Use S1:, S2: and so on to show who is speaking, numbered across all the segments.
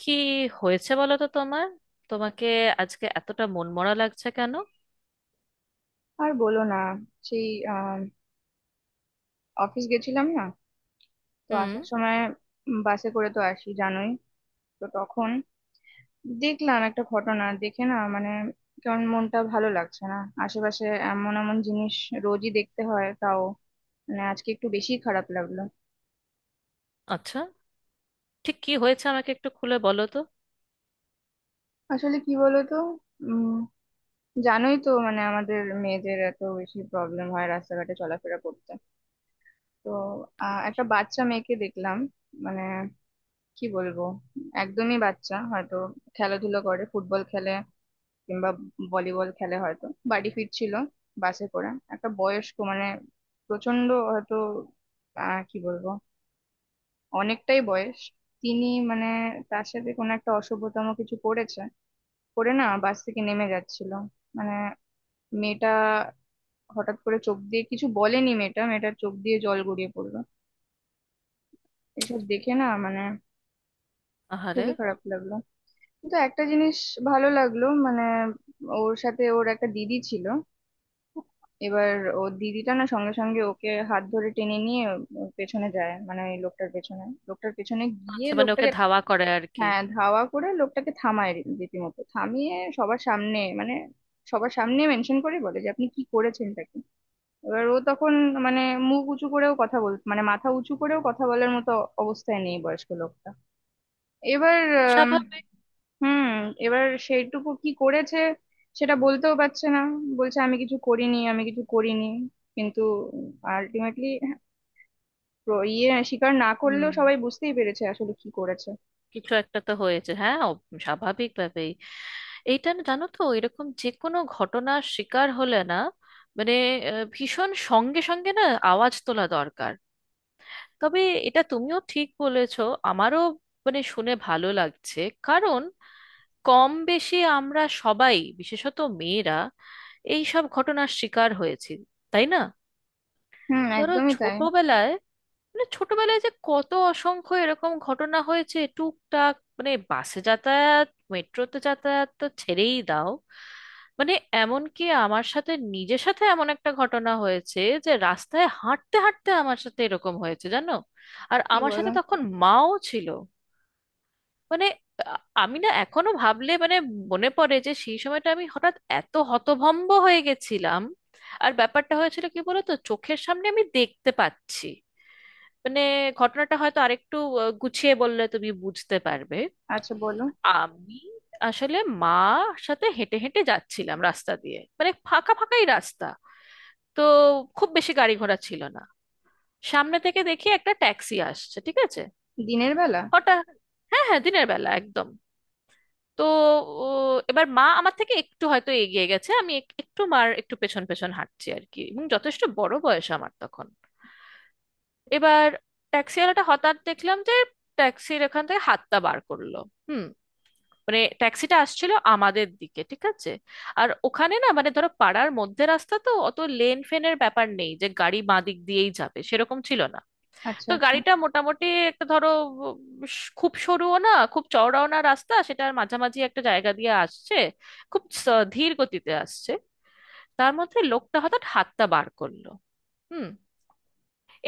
S1: কি হয়েছে বলো তো তোমার? তোমাকে আজকে এতটা মনমরা লাগছে কেন?
S2: আর বলো না, সেই অফিস গেছিলাম না, তো
S1: হুম।
S2: আসার সময় বাসে করে তো আসি জানোই। তো তখন দেখলাম একটা ঘটনা, দেখে না মানে কেমন মনটা ভালো লাগছে না। আশেপাশে এমন এমন জিনিস রোজই দেখতে হয়, তাও মানে আজকে একটু বেশি খারাপ লাগলো।
S1: আচ্ছা, ঠিক কি হয়েছে আমাকে একটু খুলে বলো তো।
S2: আসলে কি বলো তো, উম জানোই তো, মানে আমাদের মেয়েদের এত বেশি প্রবলেম হয় রাস্তাঘাটে চলাফেরা করতে। তো একটা বাচ্চা মেয়েকে দেখলাম, মানে কি বলবো, একদমই বাচ্চা, হয়তো খেলাধুলো করে, ফুটবল খেলে কিংবা ভলিবল খেলে, হয়তো বাড়ি ফিরছিল বাসে করে। একটা বয়স্ক, মানে প্রচন্ড হয়তো কি বলবো, অনেকটাই বয়স, তিনি মানে তার সাথে কোনো একটা অসভ্যতম কিছু করেছে। করে না বাস থেকে নেমে যাচ্ছিল, মানে মেয়েটা হঠাৎ করে, চোখ দিয়ে কিছু বলেনি মেয়েটা, মেয়েটার চোখ দিয়ে জল গড়িয়ে পড়লো। এসব দেখে না মানে
S1: আহারে।
S2: খুবই খারাপ লাগলো। কিন্তু একটা জিনিস ভালো লাগলো, মানে ওর সাথে ওর একটা দিদি ছিল। এবার ওর দিদিটা না সঙ্গে সঙ্গে ওকে হাত ধরে টেনে নিয়ে ওর পেছনে যায়, মানে ওই লোকটার পেছনে, লোকটার পেছনে গিয়ে
S1: আচ্ছা, মানে ওকে
S2: লোকটাকে।
S1: ধাওয়া করে আর কি।
S2: হ্যাঁ ধাওয়া করে লোকটাকে থামায়, রীতিমতো থামিয়ে সবার সামনে, মানে সবার সামনে মেনশন করে বলে যে আপনি কি করেছেন তাকে। এবার ও তখন মানে মুখ উঁচু করেও কথা বল, মানে মাথা উঁচু করেও কথা বলার মতো অবস্থায় নেই বয়স্ক লোকটা। এবার আম,
S1: স্বাভাবিক।
S2: হুম, এবার সেইটুকু কি করেছে সেটা বলতেও পারছে না। বলছে আমি কিছু করিনি, আমি কিছু করিনি। কিন্তু আলটিমেটলি ইয়ে স্বীকার না
S1: হুম,
S2: করলেও সবাই বুঝতেই পেরেছে আসলে কি করেছে।
S1: কিছু একটা তো হয়েছে। হ্যাঁ, স্বাভাবিকভাবেই এইটা, না জানো তো, এরকম যে কোনো ঘটনার শিকার হলে না, মানে ভীষণ সঙ্গে সঙ্গে না আওয়াজ তোলা দরকার। তবে এটা তুমিও ঠিক বলেছো, আমারও মানে শুনে ভালো লাগছে। কারণ কম বেশি আমরা সবাই, বিশেষত মেয়েরা, এই সব ঘটনার শিকার হয়েছি, তাই না?
S2: হুম,
S1: ধরো
S2: একদমই তাই।
S1: ছোটবেলায়, মানে ছোটবেলায় যে কত অসংখ্য এরকম ঘটনা হয়েছে, টুকটাক, মানে বাসে যাতায়াত, মেট্রোতে যাতায়াত তো ছেড়েই দাও। মানে এমনকি আমার সাথে, নিজের সাথে এমন একটা ঘটনা হয়েছে, যে রাস্তায় হাঁটতে হাঁটতে আমার সাথে এরকম হয়েছে জানো। আর
S2: কি
S1: আমার
S2: বলো।
S1: সাথে তখন মাও ছিল। মানে আমি না এখনো ভাবলে মানে মনে পড়ে যে সেই সময়টা আমি হঠাৎ এত হতভম্ব হয়ে গেছিলাম। আর ব্যাপারটা হয়েছিল কি বলতো, চোখের সামনে আমি দেখতে পাচ্ছি। মানে ঘটনাটা হয়তো আরেকটু গুছিয়ে বললে তুমি বুঝতে পারবে।
S2: আচ্ছা বলো।
S1: আমি আসলে মার সাথে হেঁটে হেঁটে যাচ্ছিলাম রাস্তা দিয়ে, মানে ফাঁকা ফাঁকাই রাস্তা, তো খুব বেশি গাড়ি ঘোড়া ছিল না। সামনে থেকে দেখি একটা ট্যাক্সি আসছে, ঠিক আছে।
S2: দিনের বেলা।
S1: হঠাৎ, হ্যাঁ হ্যাঁ, দিনের বেলা একদম। তো ও, এবার মা আমার থেকে একটু হয়তো এগিয়ে গেছে, আমি একটু মার একটু পেছন পেছন হাঁটছি আর কি, এবং যথেষ্ট বড় বয়স আমার তখন। এবার ট্যাক্সিওয়ালাটা হঠাৎ দেখলাম যে ট্যাক্সির এখান থেকে হাতটা বার করলো। হুম। মানে ট্যাক্সিটা আসছিল আমাদের দিকে, ঠিক আছে। আর ওখানে না, মানে ধরো পাড়ার মধ্যে রাস্তা, তো অত লেন ফেনের ব্যাপার নেই যে গাড়ি বাঁ দিক দিয়েই যাবে, সেরকম ছিল না।
S2: আচ্ছা
S1: তো
S2: আচ্ছা।
S1: গাড়িটা মোটামুটি একটা ধরো, উম, খুব সরুও না খুব চওড়াও না রাস্তা, সেটার মাঝামাঝি একটা জায়গা দিয়ে আসছে। খুব ধীর গতিতে আসছে। তার মধ্যে লোকটা হঠাৎ হাতটা বার করলো। হুম।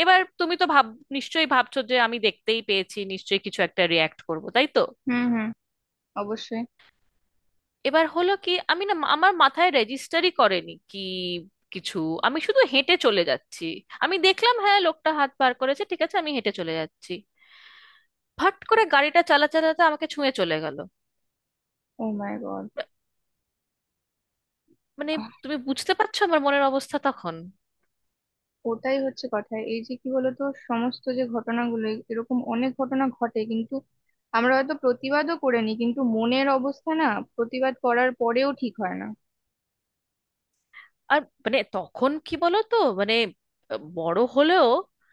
S1: এবার তুমি তো ভাব, নিশ্চয়ই ভাবছো যে আমি দেখতেই পেয়েছি, নিশ্চয়ই কিছু একটা রিয়াক্ট করব, তাই তো?
S2: হুম হুম, অবশ্যই।
S1: এবার হলো কি, আমি না, আমার মাথায় রেজিস্টারই করেনি কি কিছু। আমি শুধু হেঁটে চলে যাচ্ছি। আমি দেখলাম হ্যাঁ লোকটা হাত বার করেছে, ঠিক আছে, আমি হেঁটে চলে যাচ্ছি। ফট করে গাড়িটা চালাতে আমাকে ছুঁয়ে চলে গেল।
S2: Oh my god.
S1: মানে তুমি বুঝতে পারছো আমার মনের অবস্থা তখন।
S2: ওটাই হচ্ছে কথা, এই যে কি বলতো সমস্ত যে ঘটনাগুলো, এরকম অনেক ঘটনা ঘটে, কিন্তু আমরা হয়তো প্রতিবাদও করে নি, কিন্তু মনের অবস্থা না, প্রতিবাদ করার পরেও ঠিক হয় না।
S1: আর মানে তখন কি বলো তো, মানে বড় হলেও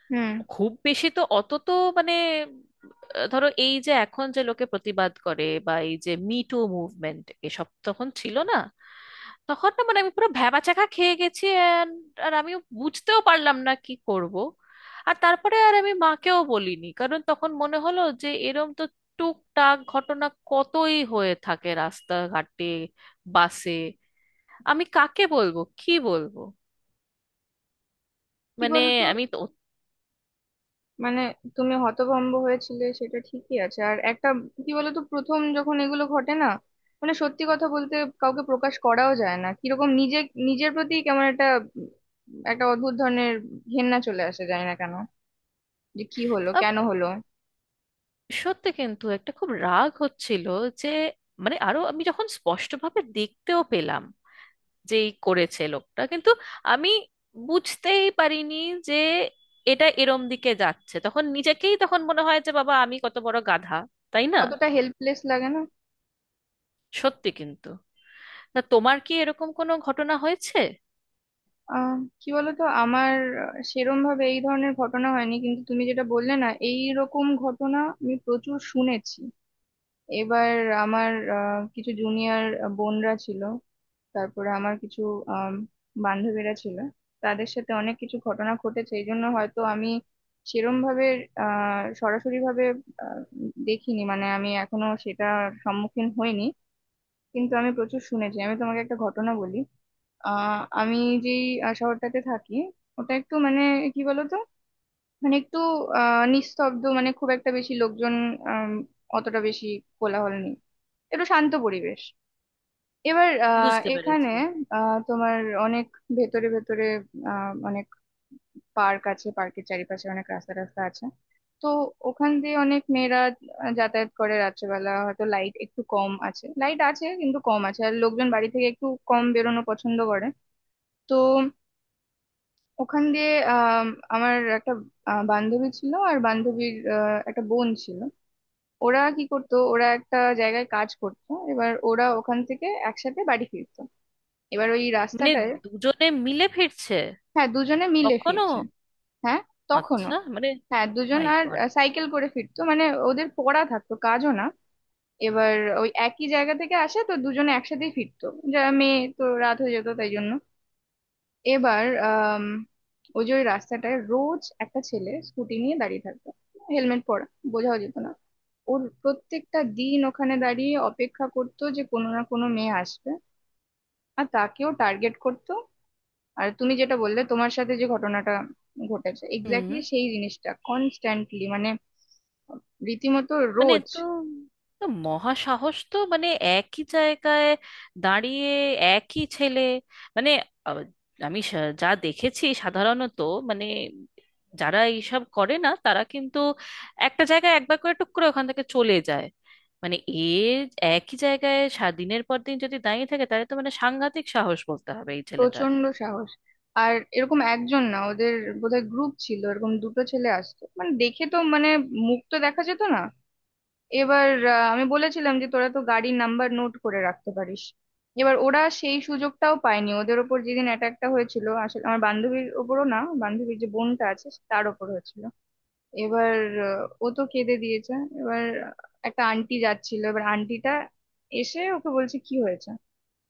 S2: হুম।
S1: খুব বেশি তো অত তো, মানে ধরো এই যে এখন যে লোকে প্রতিবাদ করে বা এই যে মি টু মুভমেন্ট, এসব তখন ছিল না। তখন না মানে আমি পুরো ভ্যাবাচ্যাকা খেয়ে গেছি আর আমিও বুঝতেও পারলাম না কি করব। আর তারপরে আর আমি মাকেও বলিনি, কারণ তখন মনে হলো যে এরম তো টুকটাক ঘটনা কতই হয়ে থাকে রাস্তাঘাটে, বাসে, আমি কাকে বলবো কি বলবো?
S2: কি
S1: মানে
S2: বলতো,
S1: আমি তো,
S2: মানে তুমি হতভম্ব হয়েছিলে সেটা ঠিকই আছে, আর একটা কি বলতো প্রথম যখন এগুলো ঘটে না, মানে সত্যি কথা বলতে কাউকে প্রকাশ করাও যায় না। কিরকম নিজে, নিজের প্রতি কেমন একটা উম, একটা অদ্ভুত ধরনের ঘেন্না চলে আসে, যায় না কেন, যে কি হলো কেন হলো।
S1: সত্যি কিন্তু একটা খুব রাগ হচ্ছিল। যে মানে আরো আমি যখন স্পষ্টভাবে দেখতেও পেলাম যে এই করেছে লোকটা, কিন্তু আমি বুঝতেই পারিনি যে এটা এরম দিকে যাচ্ছে। তখন নিজেকেই তখন মনে হয় যে বাবা আমি কত বড় গাধা, তাই না?
S2: কতটা হেল্পলেস লাগে না।
S1: সত্যি কিন্তু। না তোমার কি এরকম কোনো ঘটনা হয়েছে?
S2: আহ কি বলতো আমার সেরম ভাবে এই ধরনের ঘটনা হয়নি, কিন্তু তুমি যেটা বললে না, এই রকম ঘটনা আমি প্রচুর শুনেছি। এবার আমার কিছু জুনিয়র বোনরা ছিল, তারপরে আমার কিছু আম, বান্ধবীরা ছিল, তাদের সাথে অনেক কিছু ঘটনা ঘটেছে। এই জন্য হয়তো আমি সেরম ভাবে, সরাসরি ভাবে আহ, দেখিনি, মানে আমি এখনো সেটা সম্মুখীন হইনি। কিন্তু আমি প্রচুর শুনেছি। আমি তোমাকে একটা ঘটনা বলি। আহ আমি যেই শহরটাতে থাকি ওটা একটু মানে কি বলতো, মানে একটু নিস্তব্ধ, মানে খুব একটা বেশি লোকজন আম, অতটা বেশি কোলাহল নেই, একটু শান্ত পরিবেশ। এবার
S1: বুঝতে
S2: এখানে
S1: পেরেছি।
S2: তোমার অনেক ভেতরে ভেতরে অনেক পার্ক আছে, পার্কের চারিপাশে অনেক রাস্তা রাস্তা আছে। তো ওখান দিয়ে অনেক মেয়েরা যাতায়াত করে। রাত্রেবেলা হয়তো লাইট একটু কম আছে, লাইট আছে কিন্তু কম আছে, আর লোকজন বাড়ি থেকে একটু কম বেরোনো পছন্দ করে। তো ওখান দিয়ে আমার একটা বান্ধবী ছিল, আর বান্ধবীর একটা বোন ছিল। ওরা কি করতো, ওরা একটা জায়গায় কাজ করতো, এবার ওরা ওখান থেকে একসাথে বাড়ি ফিরতো। এবার ওই
S1: মানে
S2: রাস্তাটায়,
S1: দুজনে মিলে ফিরছে?
S2: হ্যাঁ দুজনে মিলে
S1: কখনো?
S2: ফিরছে। হ্যাঁ, তখনও।
S1: আচ্ছা মানে,
S2: হ্যাঁ দুজন,
S1: মাই
S2: আর
S1: গড।
S2: সাইকেল করে ফিরতো মানে ওদের পড়া থাকতো, কাজও না। এবার ওই একই জায়গা থেকে আসে, তো দুজনে একসাথেই ফিরতো, যা মেয়ে তো, রাত হয়ে যেত তাই জন্য। এবার ওই যে ওই রাস্তাটায় রোজ একটা ছেলে স্কুটি নিয়ে দাঁড়িয়ে থাকতো, হেলমেট পরা, বোঝাও যেত না। ওর প্রত্যেকটা দিন ওখানে দাঁড়িয়ে অপেক্ষা করতো যে কোনো না কোনো মেয়ে আসবে, আর তাকেও টার্গেট করতো। আর তুমি যেটা বললে তোমার সাথে যে ঘটনাটা ঘটেছে,
S1: হুম।
S2: এক্স্যাক্টলি সেই জিনিসটা কনস্ট্যান্টলি, মানে রীতিমতো
S1: মানে
S2: রোজ।
S1: তো, তো মহাসাহস তো, মানে একই জায়গায় দাঁড়িয়ে, একই ছেলে, মানে আহ, আমি যা দেখেছি সাধারণত, মানে যারা এইসব করে না তারা কিন্তু একটা জায়গায় একবার করে টুক করে ওখান থেকে চলে যায়। মানে একই জায়গায় সারা দিনের পর দিন যদি দাঁড়িয়ে থাকে, তাহলে তো মানে সাংঘাতিক সাহস বলতে হবে এই ছেলেটার।
S2: প্রচন্ড সাহস। আর এরকম একজন না, ওদের বোধহয় গ্রুপ ছিল, এরকম দুটো ছেলে আসতো, মানে দেখে তো মানে মুখ তো দেখা যেত না। এবার আমি বলেছিলাম যে তোরা তো গাড়ির নাম্বার নোট করে রাখতে পারিস। এবার ওরা সেই সুযোগটাও পায়নি। ওদের ওপর যেদিন অ্যাটাকটা হয়েছিল, আসলে আমার বান্ধবীর ওপরও না, বান্ধবীর যে বোনটা আছে তার ওপর হয়েছিল। এবার ও তো কেঁদে দিয়েছে। এবার একটা আন্টি যাচ্ছিল, এবার আন্টিটা এসে ওকে বলছে কি হয়েছে।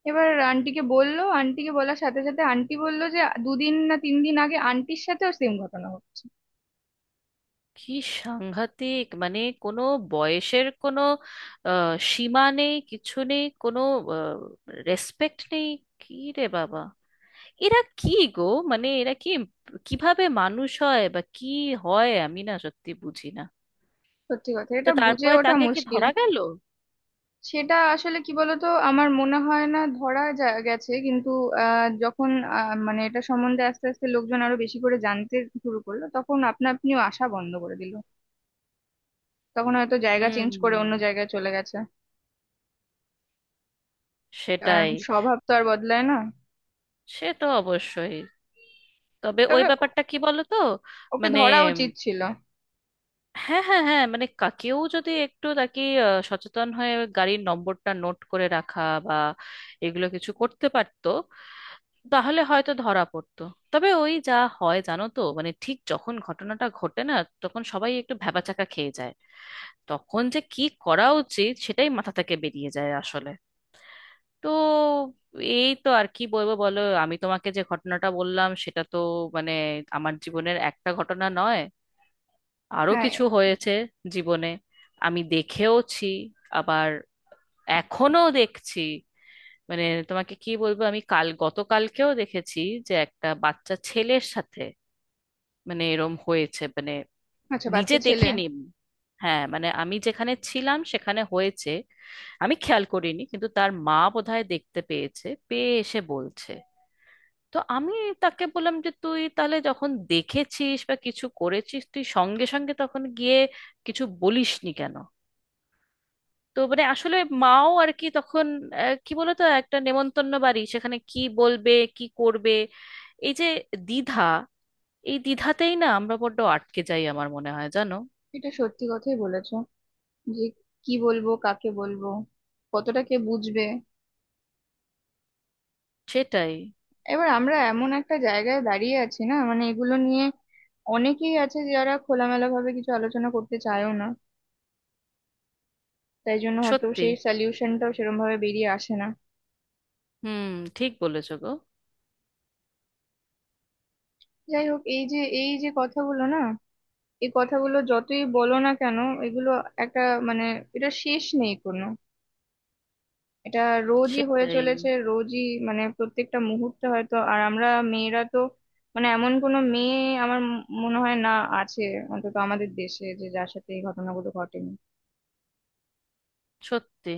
S2: এবার আন্টিকে বললো, আন্টিকে বলার সাথে সাথে আন্টি বললো যে দুদিন না তিন দিন আগে আন্টির সাথেও সেম ঘটনা হচ্ছে।
S1: কি সাংঘাতিক! মানে কোনো বয়সের কোনো সীমা নেই, কিছু নেই, কোনো রেসপেক্ট নেই। কি রে বাবা, এরা কি গো! মানে এরা কি, কিভাবে মানুষ হয় বা কি হয়, আমি না সত্যি বুঝি না।
S2: সত্যি কথা,
S1: তো
S2: এটা বুঝে
S1: তারপরে
S2: ওঠা
S1: তাকে কি
S2: মুশকিল।
S1: ধরা গেল?
S2: সেটা আসলে কি বলতো, আমার মনে হয় না ধরা গেছে, কিন্তু যখন মানে এটা সম্বন্ধে আস্তে আস্তে লোকজন আরো বেশি করে জানতে শুরু করলো, তখন আপনা আপনিও আসা বন্ধ করে দিল। তখন হয়তো জায়গা
S1: হুম।
S2: চেঞ্জ করে অন্য জায়গায় চলে গেছে, কারণ
S1: সেটাই।
S2: স্বভাব তো আর বদলায় না।
S1: সে তো অবশ্যই। তবে ওই
S2: তবে
S1: ব্যাপারটা কি বলো তো,
S2: ওকে
S1: মানে
S2: ধরা উচিত ছিল।
S1: হ্যাঁ হ্যাঁ হ্যাঁ, মানে কেউ যদি একটু তাকে সচেতন হয়ে গাড়ির নম্বরটা নোট করে রাখা বা এগুলো কিছু করতে পারতো, তাহলে হয়তো ধরা পড়তো। তবে ওই যা হয় জানো তো, মানে ঠিক যখন ঘটনাটা ঘটে না, তখন সবাই একটু ভ্যাবাচ্যাকা খেয়ে যায়। তখন যে কি করা উচিত সেটাই মাথা থেকে বেরিয়ে যায় আসলে। তো এই তো, আর কি বলবো বলো, আমি তোমাকে যে ঘটনাটা বললাম সেটা তো মানে আমার জীবনের একটা ঘটনা নয়। আরো
S2: হ্যাঁ।
S1: কিছু হয়েছে জীবনে, আমি দেখেওছি, আবার এখনো দেখছি। মানে তোমাকে কি বলবো, আমি কাল, গতকালকেও দেখেছি যে একটা বাচ্চা ছেলের সাথে মানে এরম হয়েছে, মানে
S2: আচ্ছা,
S1: নিজে
S2: বাচ্চা ছেলে।
S1: দেখিনি, হ্যাঁ মানে আমি যেখানে ছিলাম সেখানে হয়েছে। আমি খেয়াল করিনি, কিন্তু তার মা বোধহয় দেখতে পেয়েছে, পেয়ে এসে বলছে। তো আমি তাকে বললাম যে তুই তাহলে যখন দেখেছিস বা কিছু করেছিস, তুই সঙ্গে সঙ্গে তখন গিয়ে কিছু বলিসনি কেন? তো মানে আসলে মাও আর কি তখন, কি বলতো, একটা নেমন্তন্ন বাড়ি, সেখানে কি বলবে কি করবে। এই যে দ্বিধা, এই দ্বিধাতেই না আমরা বড্ড আটকে যাই, আমার মনে হয় জানো।
S2: এটা সত্যি কথাই বলেছো, যে কি বলবো কাকে বলবো, কতটা কে বুঝবে।
S1: সেটাই
S2: এবার আমরা এমন একটা জায়গায় দাঁড়িয়ে আছি না, মানে এগুলো নিয়ে অনেকেই আছে যারা খোলামেলা ভাবে কিছু আলোচনা করতে চায়ও না। তাই জন্য হয়তো
S1: সত্যি।
S2: সেই সলিউশনটাও সেরকম ভাবে বেরিয়ে আসে না।
S1: হুম, ঠিক বলেছো গো।
S2: যাই হোক, এই যে এই যে কথাগুলো না, এই কথাগুলো যতই বলো না কেন এগুলো একটা মানে, এটা শেষ নেই কোনো, এটা রোজই হয়ে
S1: সেটাই
S2: চলেছে, রোজই। মানে প্রত্যেকটা মুহূর্তে হয়তো। আর আমরা মেয়েরা তো, মানে এমন কোনো মেয়ে আমার মনে হয় না আছে, অন্তত আমাদের দেশে, যে যার সাথে এই ঘটনাগুলো ঘটেনি।
S1: সত্যি।